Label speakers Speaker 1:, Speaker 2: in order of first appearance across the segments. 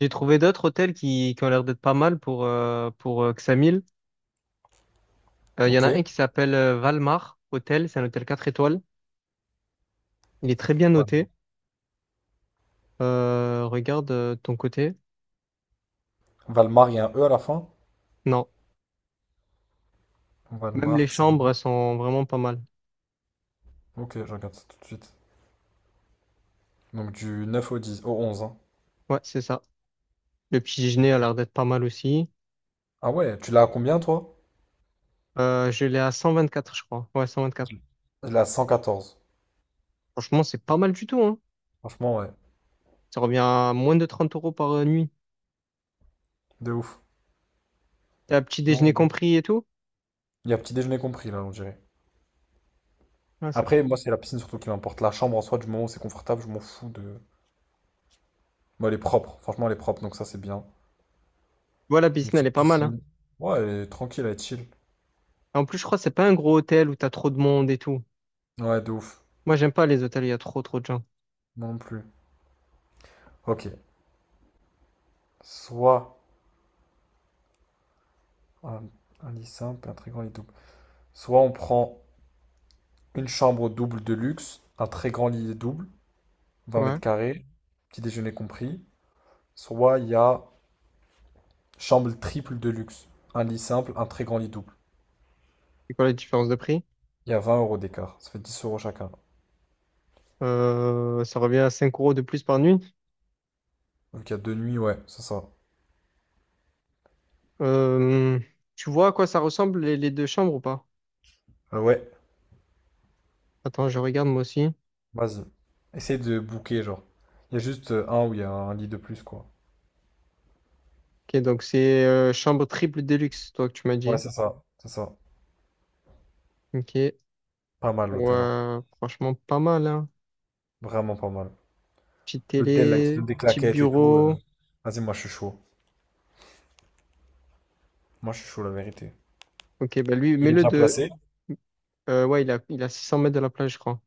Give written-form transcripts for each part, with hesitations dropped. Speaker 1: J'ai trouvé d'autres hôtels qui ont l'air d'être pas mal pour Xamil. Il y en
Speaker 2: Ok.
Speaker 1: a un qui s'appelle Valmar Hôtel. C'est un hôtel 4 étoiles. Il est très bien
Speaker 2: Val-
Speaker 1: noté. Regarde ton côté.
Speaker 2: Valmar, il y a un E à la fin.
Speaker 1: Non, même les
Speaker 2: Valmar, ça.
Speaker 1: chambres elles sont vraiment pas mal.
Speaker 2: Ok, je regarde ça tout de suite. Donc du 9 au 10, au 11, hein.
Speaker 1: Ouais, c'est ça. Le petit déjeuner a l'air d'être pas mal aussi.
Speaker 2: Ah ouais, tu l'as à combien toi?
Speaker 1: Je l'ai à 124, je crois. Ouais, 124.
Speaker 2: Je l'ai à 114.
Speaker 1: Franchement, c'est pas mal du tout, hein.
Speaker 2: Franchement, ouais.
Speaker 1: Ça revient à moins de 30 € par nuit.
Speaker 2: De ouf.
Speaker 1: T'as petit
Speaker 2: Non,
Speaker 1: déjeuner
Speaker 2: de ouf.
Speaker 1: compris et tout.
Speaker 2: Il y a petit déjeuner compris là, on dirait.
Speaker 1: Ouais, c'est pas.
Speaker 2: Après, moi, c'est la piscine surtout qui m'importe. La chambre en soi, du moment où c'est confortable, je m'en fous de. Moi, elle est propre. Franchement, elle est propre, donc ça, c'est bien.
Speaker 1: Voilà, la
Speaker 2: Une
Speaker 1: piscine, elle est
Speaker 2: petite
Speaker 1: pas mal, hein.
Speaker 2: piscine. Ouais, elle est tranquille, elle est chill.
Speaker 1: En plus, je crois que c'est pas un gros hôtel où t'as trop de monde et tout.
Speaker 2: Ouais, de ouf.
Speaker 1: Moi, j'aime pas les hôtels, il y a trop trop de gens.
Speaker 2: Moi non plus. Ok. Soit un, un lit simple, un très grand lit double. Soit on prend. Une chambre double de luxe, un très grand lit double, 20
Speaker 1: Ouais.
Speaker 2: mètres carrés, petit déjeuner compris. Soit il y a chambre triple de luxe, un lit simple, un très grand lit double.
Speaker 1: C'est quoi la différence de prix?
Speaker 2: Il y a 20 € d'écart, ça fait 10 € chacun.
Speaker 1: Ça revient à cinq euros de plus par nuit.
Speaker 2: Donc il y a 2 nuits, ouais, c'est ça.
Speaker 1: Euh, tu vois à quoi ça ressemble les deux chambres ou pas?
Speaker 2: Ouais,
Speaker 1: Attends, je regarde moi aussi.
Speaker 2: vas-y. Essaye de booker, genre. Il y a juste un où il y a un lit de plus, quoi.
Speaker 1: Ok, donc c'est chambre triple déluxe, toi que tu m'as
Speaker 2: Ouais,
Speaker 1: dit.
Speaker 2: c'est ça, c'est ça.
Speaker 1: Ok.
Speaker 2: Pas mal l'hôtel, hein.
Speaker 1: Ouais, franchement, pas mal, hein.
Speaker 2: Vraiment pas mal.
Speaker 1: Petite
Speaker 2: L'hôtel, là, il te donne
Speaker 1: télé,
Speaker 2: des
Speaker 1: petit
Speaker 2: claquettes et tout.
Speaker 1: bureau.
Speaker 2: Vas-y, moi je suis chaud. Moi je suis chaud, la vérité.
Speaker 1: Ok, bah lui,
Speaker 2: Il est
Speaker 1: mets-le
Speaker 2: bien
Speaker 1: de.
Speaker 2: placé.
Speaker 1: Ouais, il a 600 mètres de la plage, je crois.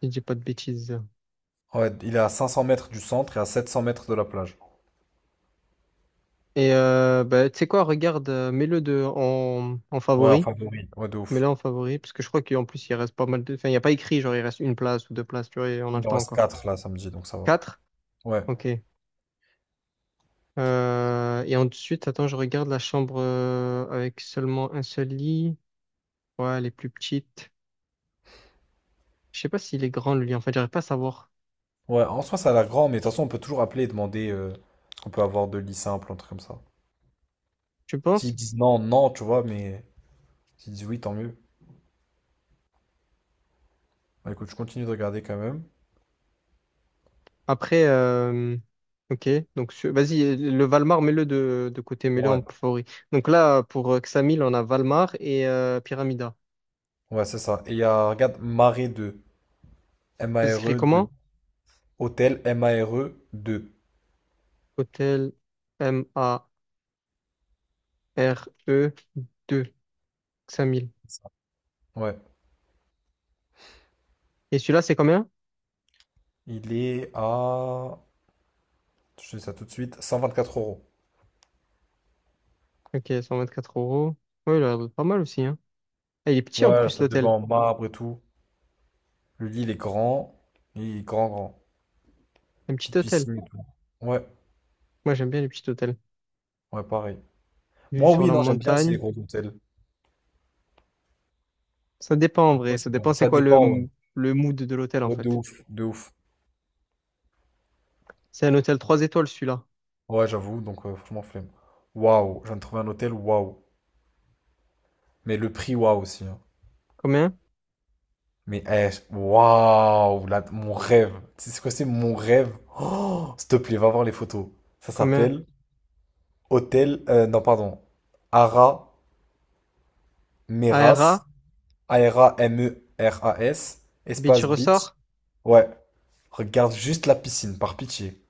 Speaker 1: Si je dis pas de bêtises.
Speaker 2: Ouais, il est à 500 mètres du centre et à 700 mètres de la plage.
Speaker 1: Bah, tu sais quoi, regarde, mets-le de en
Speaker 2: Ouais, en
Speaker 1: favori.
Speaker 2: favori. Ouais, de
Speaker 1: Mais
Speaker 2: ouf.
Speaker 1: là, en favori, parce que je crois qu'en plus, il reste pas mal de. Enfin, il n'y a pas écrit, genre, il reste une place ou deux places, tu vois, et on a le
Speaker 2: Il en
Speaker 1: temps
Speaker 2: reste
Speaker 1: encore.
Speaker 2: 4 là samedi, donc ça va.
Speaker 1: Quatre?
Speaker 2: Ouais.
Speaker 1: Ok. Et ensuite, attends, je regarde la chambre avec seulement un seul lit. Ouais, elle est plus petite. Je sais pas s'il est grand, le lit. En fait, j'arrive pas à savoir.
Speaker 2: Ouais, en soi, ça a l'air grand, mais de toute façon, on peut toujours appeler et demander ce qu'on peut avoir de lit simple, un truc comme ça.
Speaker 1: Tu
Speaker 2: S'ils
Speaker 1: penses?
Speaker 2: disent non, non, tu vois, mais s'ils disent oui, tant mieux. Bah, écoute, je continue de regarder quand même.
Speaker 1: Après, ok. Donc, vas-y, le Valmar, mets-le de côté, mets-le
Speaker 2: Ouais,
Speaker 1: en favori. Donc là, pour Xamil, on a Valmar et Pyramida.
Speaker 2: ouais, c'est ça. Et il y a, regarde, Mare 2.
Speaker 1: Ça s'écrit
Speaker 2: Mare 2.
Speaker 1: comment?
Speaker 2: Hôtel Mare 2.
Speaker 1: Hôtel M-A-R-E deux 5000.
Speaker 2: C'est ça. Ouais.
Speaker 1: Et celui-là, c'est combien?
Speaker 2: Il est à, je te dis ça tout de suite, 124 euros.
Speaker 1: Ok, 124 euros. Oui, il a l'air d'être pas mal aussi, hein. Ah, il est petit en
Speaker 2: Ouais,
Speaker 1: plus,
Speaker 2: ça
Speaker 1: l'hôtel.
Speaker 2: dépend en marbre et tout. Le lit, il est grand. Il est grand, grand.
Speaker 1: Un petit
Speaker 2: Petite
Speaker 1: hôtel.
Speaker 2: piscine et tout. Ouais,
Speaker 1: Moi, j'aime bien les petits hôtels.
Speaker 2: ouais, pareil.
Speaker 1: Vue
Speaker 2: Moi,
Speaker 1: sur
Speaker 2: oui,
Speaker 1: la
Speaker 2: non, j'aime bien aussi les
Speaker 1: montagne.
Speaker 2: gros hôtels.
Speaker 1: Ça dépend en
Speaker 2: Des fois,
Speaker 1: vrai. Ça
Speaker 2: c'est bien.
Speaker 1: dépend c'est
Speaker 2: Ça
Speaker 1: quoi
Speaker 2: dépend, ouais.
Speaker 1: le mood de l'hôtel en
Speaker 2: Ouais, de
Speaker 1: fait.
Speaker 2: ouf, de ouf.
Speaker 1: C'est un hôtel trois étoiles celui-là.
Speaker 2: Ouais, j'avoue, donc franchement, flemme. Waouh, je viens de trouver un hôtel, waouh. Mais le prix, waouh aussi, hein.
Speaker 1: Combien?
Speaker 2: Mais, eh, waouh, là, mon rêve. Tu sais c'est quoi, c'est mon rêve? Oh, s'il te plaît, va voir les photos. Ça
Speaker 1: Combien?
Speaker 2: s'appelle Hôtel, non, pardon. Ara Meras,
Speaker 1: ARA?
Speaker 2: Arameras,
Speaker 1: Beach
Speaker 2: espace beach.
Speaker 1: Resort?
Speaker 2: Ouais. Regarde juste la piscine, par pitié.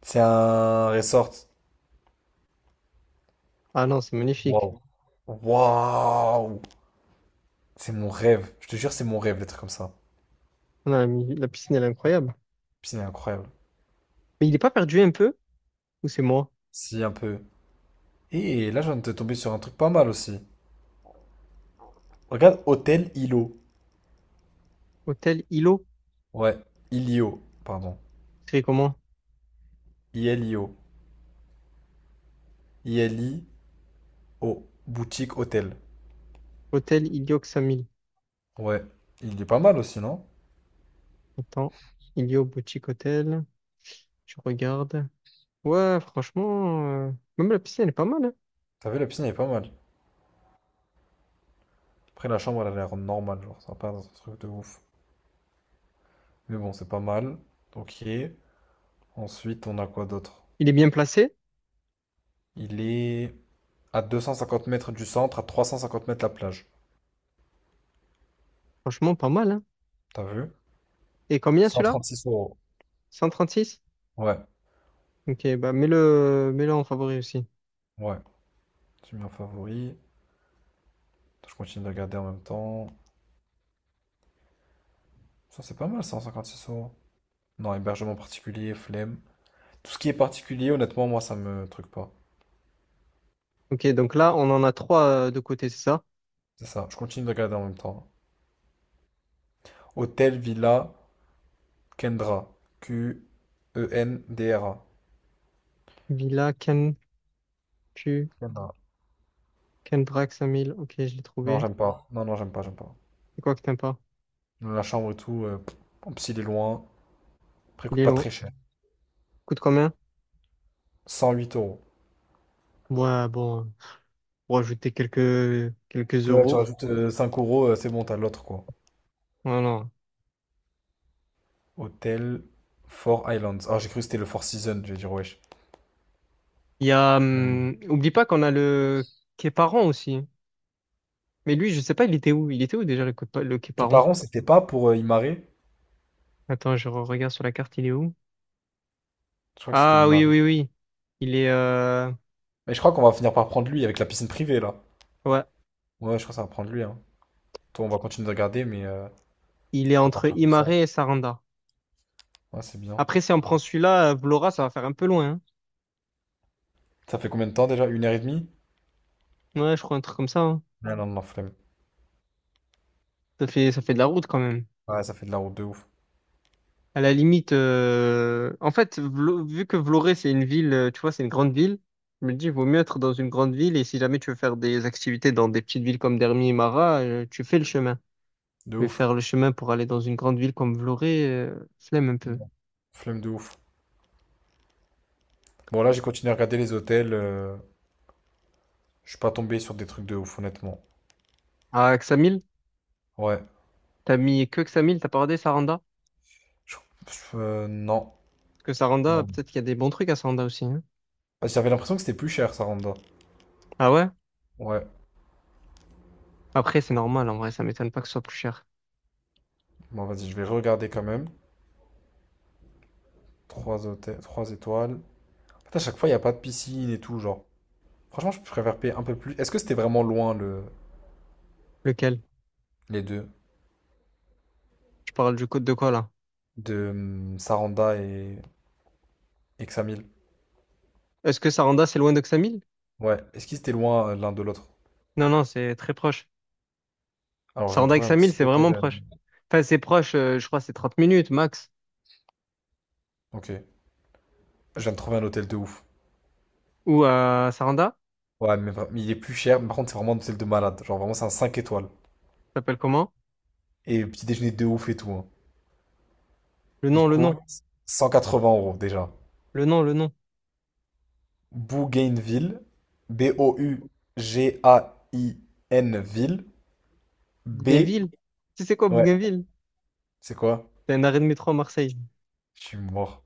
Speaker 2: C'est un resort.
Speaker 1: Ah non, c'est magnifique.
Speaker 2: Waouh. Waouh. C'est mon rêve. Je te jure, c'est mon rêve, d'être comme ça. La
Speaker 1: Non, la piscine, elle est incroyable.
Speaker 2: piscine est incroyable.
Speaker 1: Mais il est pas perdu un peu? Ou c'est moi?
Speaker 2: Si, un peu. Et là, je viens de te tomber sur un truc pas mal aussi. Regarde, Hôtel Ilo.
Speaker 1: Hôtel Ilo?
Speaker 2: Ouais, Ilio, pardon.
Speaker 1: C'est comment?
Speaker 2: Ilio. Ilio. Boutique hôtel.
Speaker 1: Hôtel Ilio 5000.
Speaker 2: Ouais. Il est pas mal aussi, non?
Speaker 1: Attends. Ilio Boutique Hôtel. Je regarde. Ouais, franchement, même la piscine, elle est pas mal, hein.
Speaker 2: T'as vu, la piscine elle est pas mal. Après, la chambre, elle a l'air normale, genre, ça va pas être un truc de ouf. Mais bon, c'est pas mal. Ok. Ensuite, on a quoi d'autre?
Speaker 1: Il est bien placé,
Speaker 2: Il est à 250 mètres du centre, à 350 mètres la plage.
Speaker 1: franchement, pas mal, hein.
Speaker 2: T'as vu?
Speaker 1: Et combien
Speaker 2: Cent
Speaker 1: celui-là?
Speaker 2: trente six euros.
Speaker 1: 136.
Speaker 2: Ouais,
Speaker 1: Ok, bah mets-le en favori aussi.
Speaker 2: ouais. J'ai mis en favori. Je continue de regarder en même temps. Ça, c'est pas mal, 156 euros. Non, hébergement particulier, flemme. Tout ce qui est particulier, honnêtement, moi, ça me truc pas.
Speaker 1: Ok, donc là, on en a trois de côté, c'est ça?
Speaker 2: C'est ça. Je continue de regarder en même temps. Hôtel Villa Kendra. Qendra.
Speaker 1: Villa, Pu,
Speaker 2: Kendra.
Speaker 1: Kendrak, 5000. Ok, je l'ai
Speaker 2: Non,
Speaker 1: trouvé.
Speaker 2: j'aime pas. Non, non, j'aime pas, j'aime pas.
Speaker 1: C'est quoi que t'aimes pas?
Speaker 2: La chambre et tout, pff, en plus, il est loin. Après, il
Speaker 1: Il
Speaker 2: coûte
Speaker 1: est
Speaker 2: pas
Speaker 1: long.
Speaker 2: très cher.
Speaker 1: Coûte combien?
Speaker 2: 108 euros.
Speaker 1: Ouais, bon, pour ajouter quelques
Speaker 2: Ouais, tu
Speaker 1: euros.
Speaker 2: rajoutes 5 euros, c'est bon, t'as l'autre quoi.
Speaker 1: Non,
Speaker 2: Hôtel Four Islands. Ah, j'ai cru que c'était le Four Seasons, je vais dire wesh.
Speaker 1: il y a. Oublie pas qu'on a le Képaron aussi. Mais lui, je sais pas, il était où? Il était où déjà le
Speaker 2: Tes
Speaker 1: Képaron.
Speaker 2: parents, c'était pas pour Imare?
Speaker 1: Attends, je regarde sur la carte, il est où?
Speaker 2: Je crois que c'était
Speaker 1: Ah oui,
Speaker 2: Imare.
Speaker 1: oui, oui. Il est
Speaker 2: Mais je crois qu'on va finir par prendre lui avec la piscine privée là.
Speaker 1: Ouais,
Speaker 2: Ouais, je crois que ça va prendre lui, hein. Toi, on va continuer de regarder, mais
Speaker 1: il est
Speaker 2: ça va
Speaker 1: entre
Speaker 2: partir comme ça.
Speaker 1: Imare et Saranda.
Speaker 2: Ouais, c'est bien.
Speaker 1: Après, si on prend celui-là, Vlora, ça va faire un peu loin.
Speaker 2: Ça fait combien de temps déjà? Une heure et demie?
Speaker 1: Hein. Ouais, je crois un truc comme ça. Hein.
Speaker 2: Ouais. Non, non, non, flemme.
Speaker 1: Ça fait de la route quand même.
Speaker 2: Ouais, ça fait de la route de ouf.
Speaker 1: À la limite, en fait, vu que Vloré, c'est une ville, tu vois, c'est une grande ville, je me dis, il vaut mieux être dans une grande ville. Et si jamais tu veux faire des activités dans des petites villes comme Dermi et Mara, tu fais le chemin.
Speaker 2: De
Speaker 1: Mais
Speaker 2: ouf.
Speaker 1: faire le chemin pour aller dans une grande ville comme Vloré, flemme un peu.
Speaker 2: Non. Flemme de ouf. Bon, là, j'ai continué à regarder les hôtels. Je suis pas tombé sur des trucs de ouf, honnêtement.
Speaker 1: À Xamil?
Speaker 2: Ouais.
Speaker 1: T'as mis que Xamil, t'as pas regardé Saranda?
Speaker 2: Je- non.
Speaker 1: Parce que Saranda,
Speaker 2: Non.
Speaker 1: peut-être qu'il y a des bons trucs à Saranda aussi, hein.
Speaker 2: J'avais l'impression que c'était plus cher, Saranda.
Speaker 1: Ah ouais?
Speaker 2: Ouais.
Speaker 1: Après, c'est normal en vrai, ça m'étonne pas que ce soit plus cher.
Speaker 2: Bon, vas-y, je vais regarder quand même. Trois hôtels, trois étoiles. En à chaque fois, il n'y a pas de piscine et tout, genre. Franchement, je préfère payer un peu plus. Est-ce que c'était vraiment loin, le...
Speaker 1: Lequel?
Speaker 2: les deux?
Speaker 1: Je parle du code de quoi là?
Speaker 2: De Saranda et Examil?
Speaker 1: Est-ce que Saranda, c'est loin de Xamil?
Speaker 2: Ouais. Est-ce qu'ils étaient loin l'un de l'autre?
Speaker 1: Non, non, c'est très proche.
Speaker 2: Alors, je viens de
Speaker 1: Saranda et
Speaker 2: trouver un
Speaker 1: Xamil,
Speaker 2: petit
Speaker 1: c'est
Speaker 2: hôtel.
Speaker 1: vraiment proche. Enfin, c'est proche, je crois, que c'est 30 minutes max.
Speaker 2: Ok. Je viens de trouver un hôtel de ouf.
Speaker 1: Ou à Saranda,
Speaker 2: Ouais, mais, mais il est plus cher, mais par contre, c'est vraiment un hôtel de malade. Genre, vraiment, c'est un 5 étoiles.
Speaker 1: ça s'appelle comment?
Speaker 2: Et petit déjeuner de ouf et tout, hein.
Speaker 1: Le nom,
Speaker 2: Il
Speaker 1: le nom,
Speaker 2: coûte 180 € déjà.
Speaker 1: le nom, le nom.
Speaker 2: Bougainville, B-O-U-G-A-I-N-Ville, B,
Speaker 1: Bougainville? Tu sais quoi,
Speaker 2: ouais,
Speaker 1: Bougainville?
Speaker 2: c'est quoi?
Speaker 1: C'est un arrêt de métro à Marseille.
Speaker 2: Je suis mort.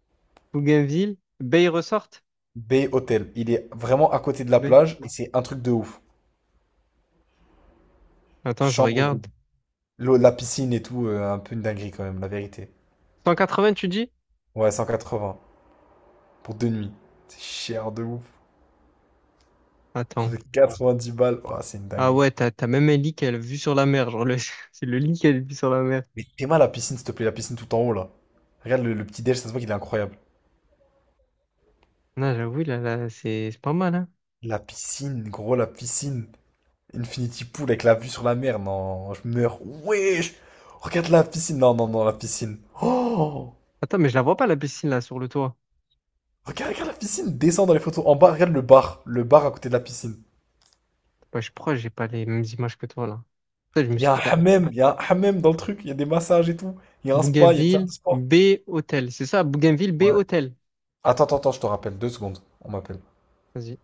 Speaker 1: Bougainville, Bay Resort?
Speaker 2: B Hôtel. Il est vraiment à côté de la
Speaker 1: B.
Speaker 2: plage et c'est un truc de ouf.
Speaker 1: Attends, je
Speaker 2: Chambre,
Speaker 1: regarde.
Speaker 2: l'eau, la piscine et tout, un peu une dinguerie quand même, la vérité.
Speaker 1: 180, tu dis?
Speaker 2: Ouais, 180 pour 2 nuits. C'est cher de ouf. Ça
Speaker 1: Attends.
Speaker 2: fait dix balles. Oh, c'est une
Speaker 1: Ah
Speaker 2: dinguerie.
Speaker 1: ouais, t'as même un lit qu'elle a la vue sur la mer. Genre, c'est le lit qu'elle a la vue sur la mer.
Speaker 2: Mais t'es mal à la piscine, s'il te plaît, la piscine tout en haut là. Regarde le petit déj, ça se voit qu'il est incroyable.
Speaker 1: Non, j'avoue, là, là, c'est pas mal, hein.
Speaker 2: La piscine, gros, la piscine. Infinity Pool avec la vue sur la mer, non, je meurs. Wesh! Regarde la piscine, non, non, non, la piscine. Oh!
Speaker 1: Attends, mais je la vois pas, la piscine, là, sur le toit.
Speaker 2: Regarde, regarde la piscine, descends dans les photos. En bas, regarde le bar à côté de la piscine.
Speaker 1: Bah, je crois que j'ai pas les mêmes images que toi, là. Ça, je me
Speaker 2: Il y
Speaker 1: suis
Speaker 2: a un
Speaker 1: trompé.
Speaker 2: hammam, il y a un hammam dans le truc, il y a des massages et tout. Il y a un spa, il y a une salle de
Speaker 1: Bougainville,
Speaker 2: sport.
Speaker 1: B, hôtel. C'est ça, Bougainville, B,
Speaker 2: Ouais.
Speaker 1: hôtel.
Speaker 2: Attends, attends, attends, je te rappelle, 2 secondes, on m'appelle.
Speaker 1: Vas-y.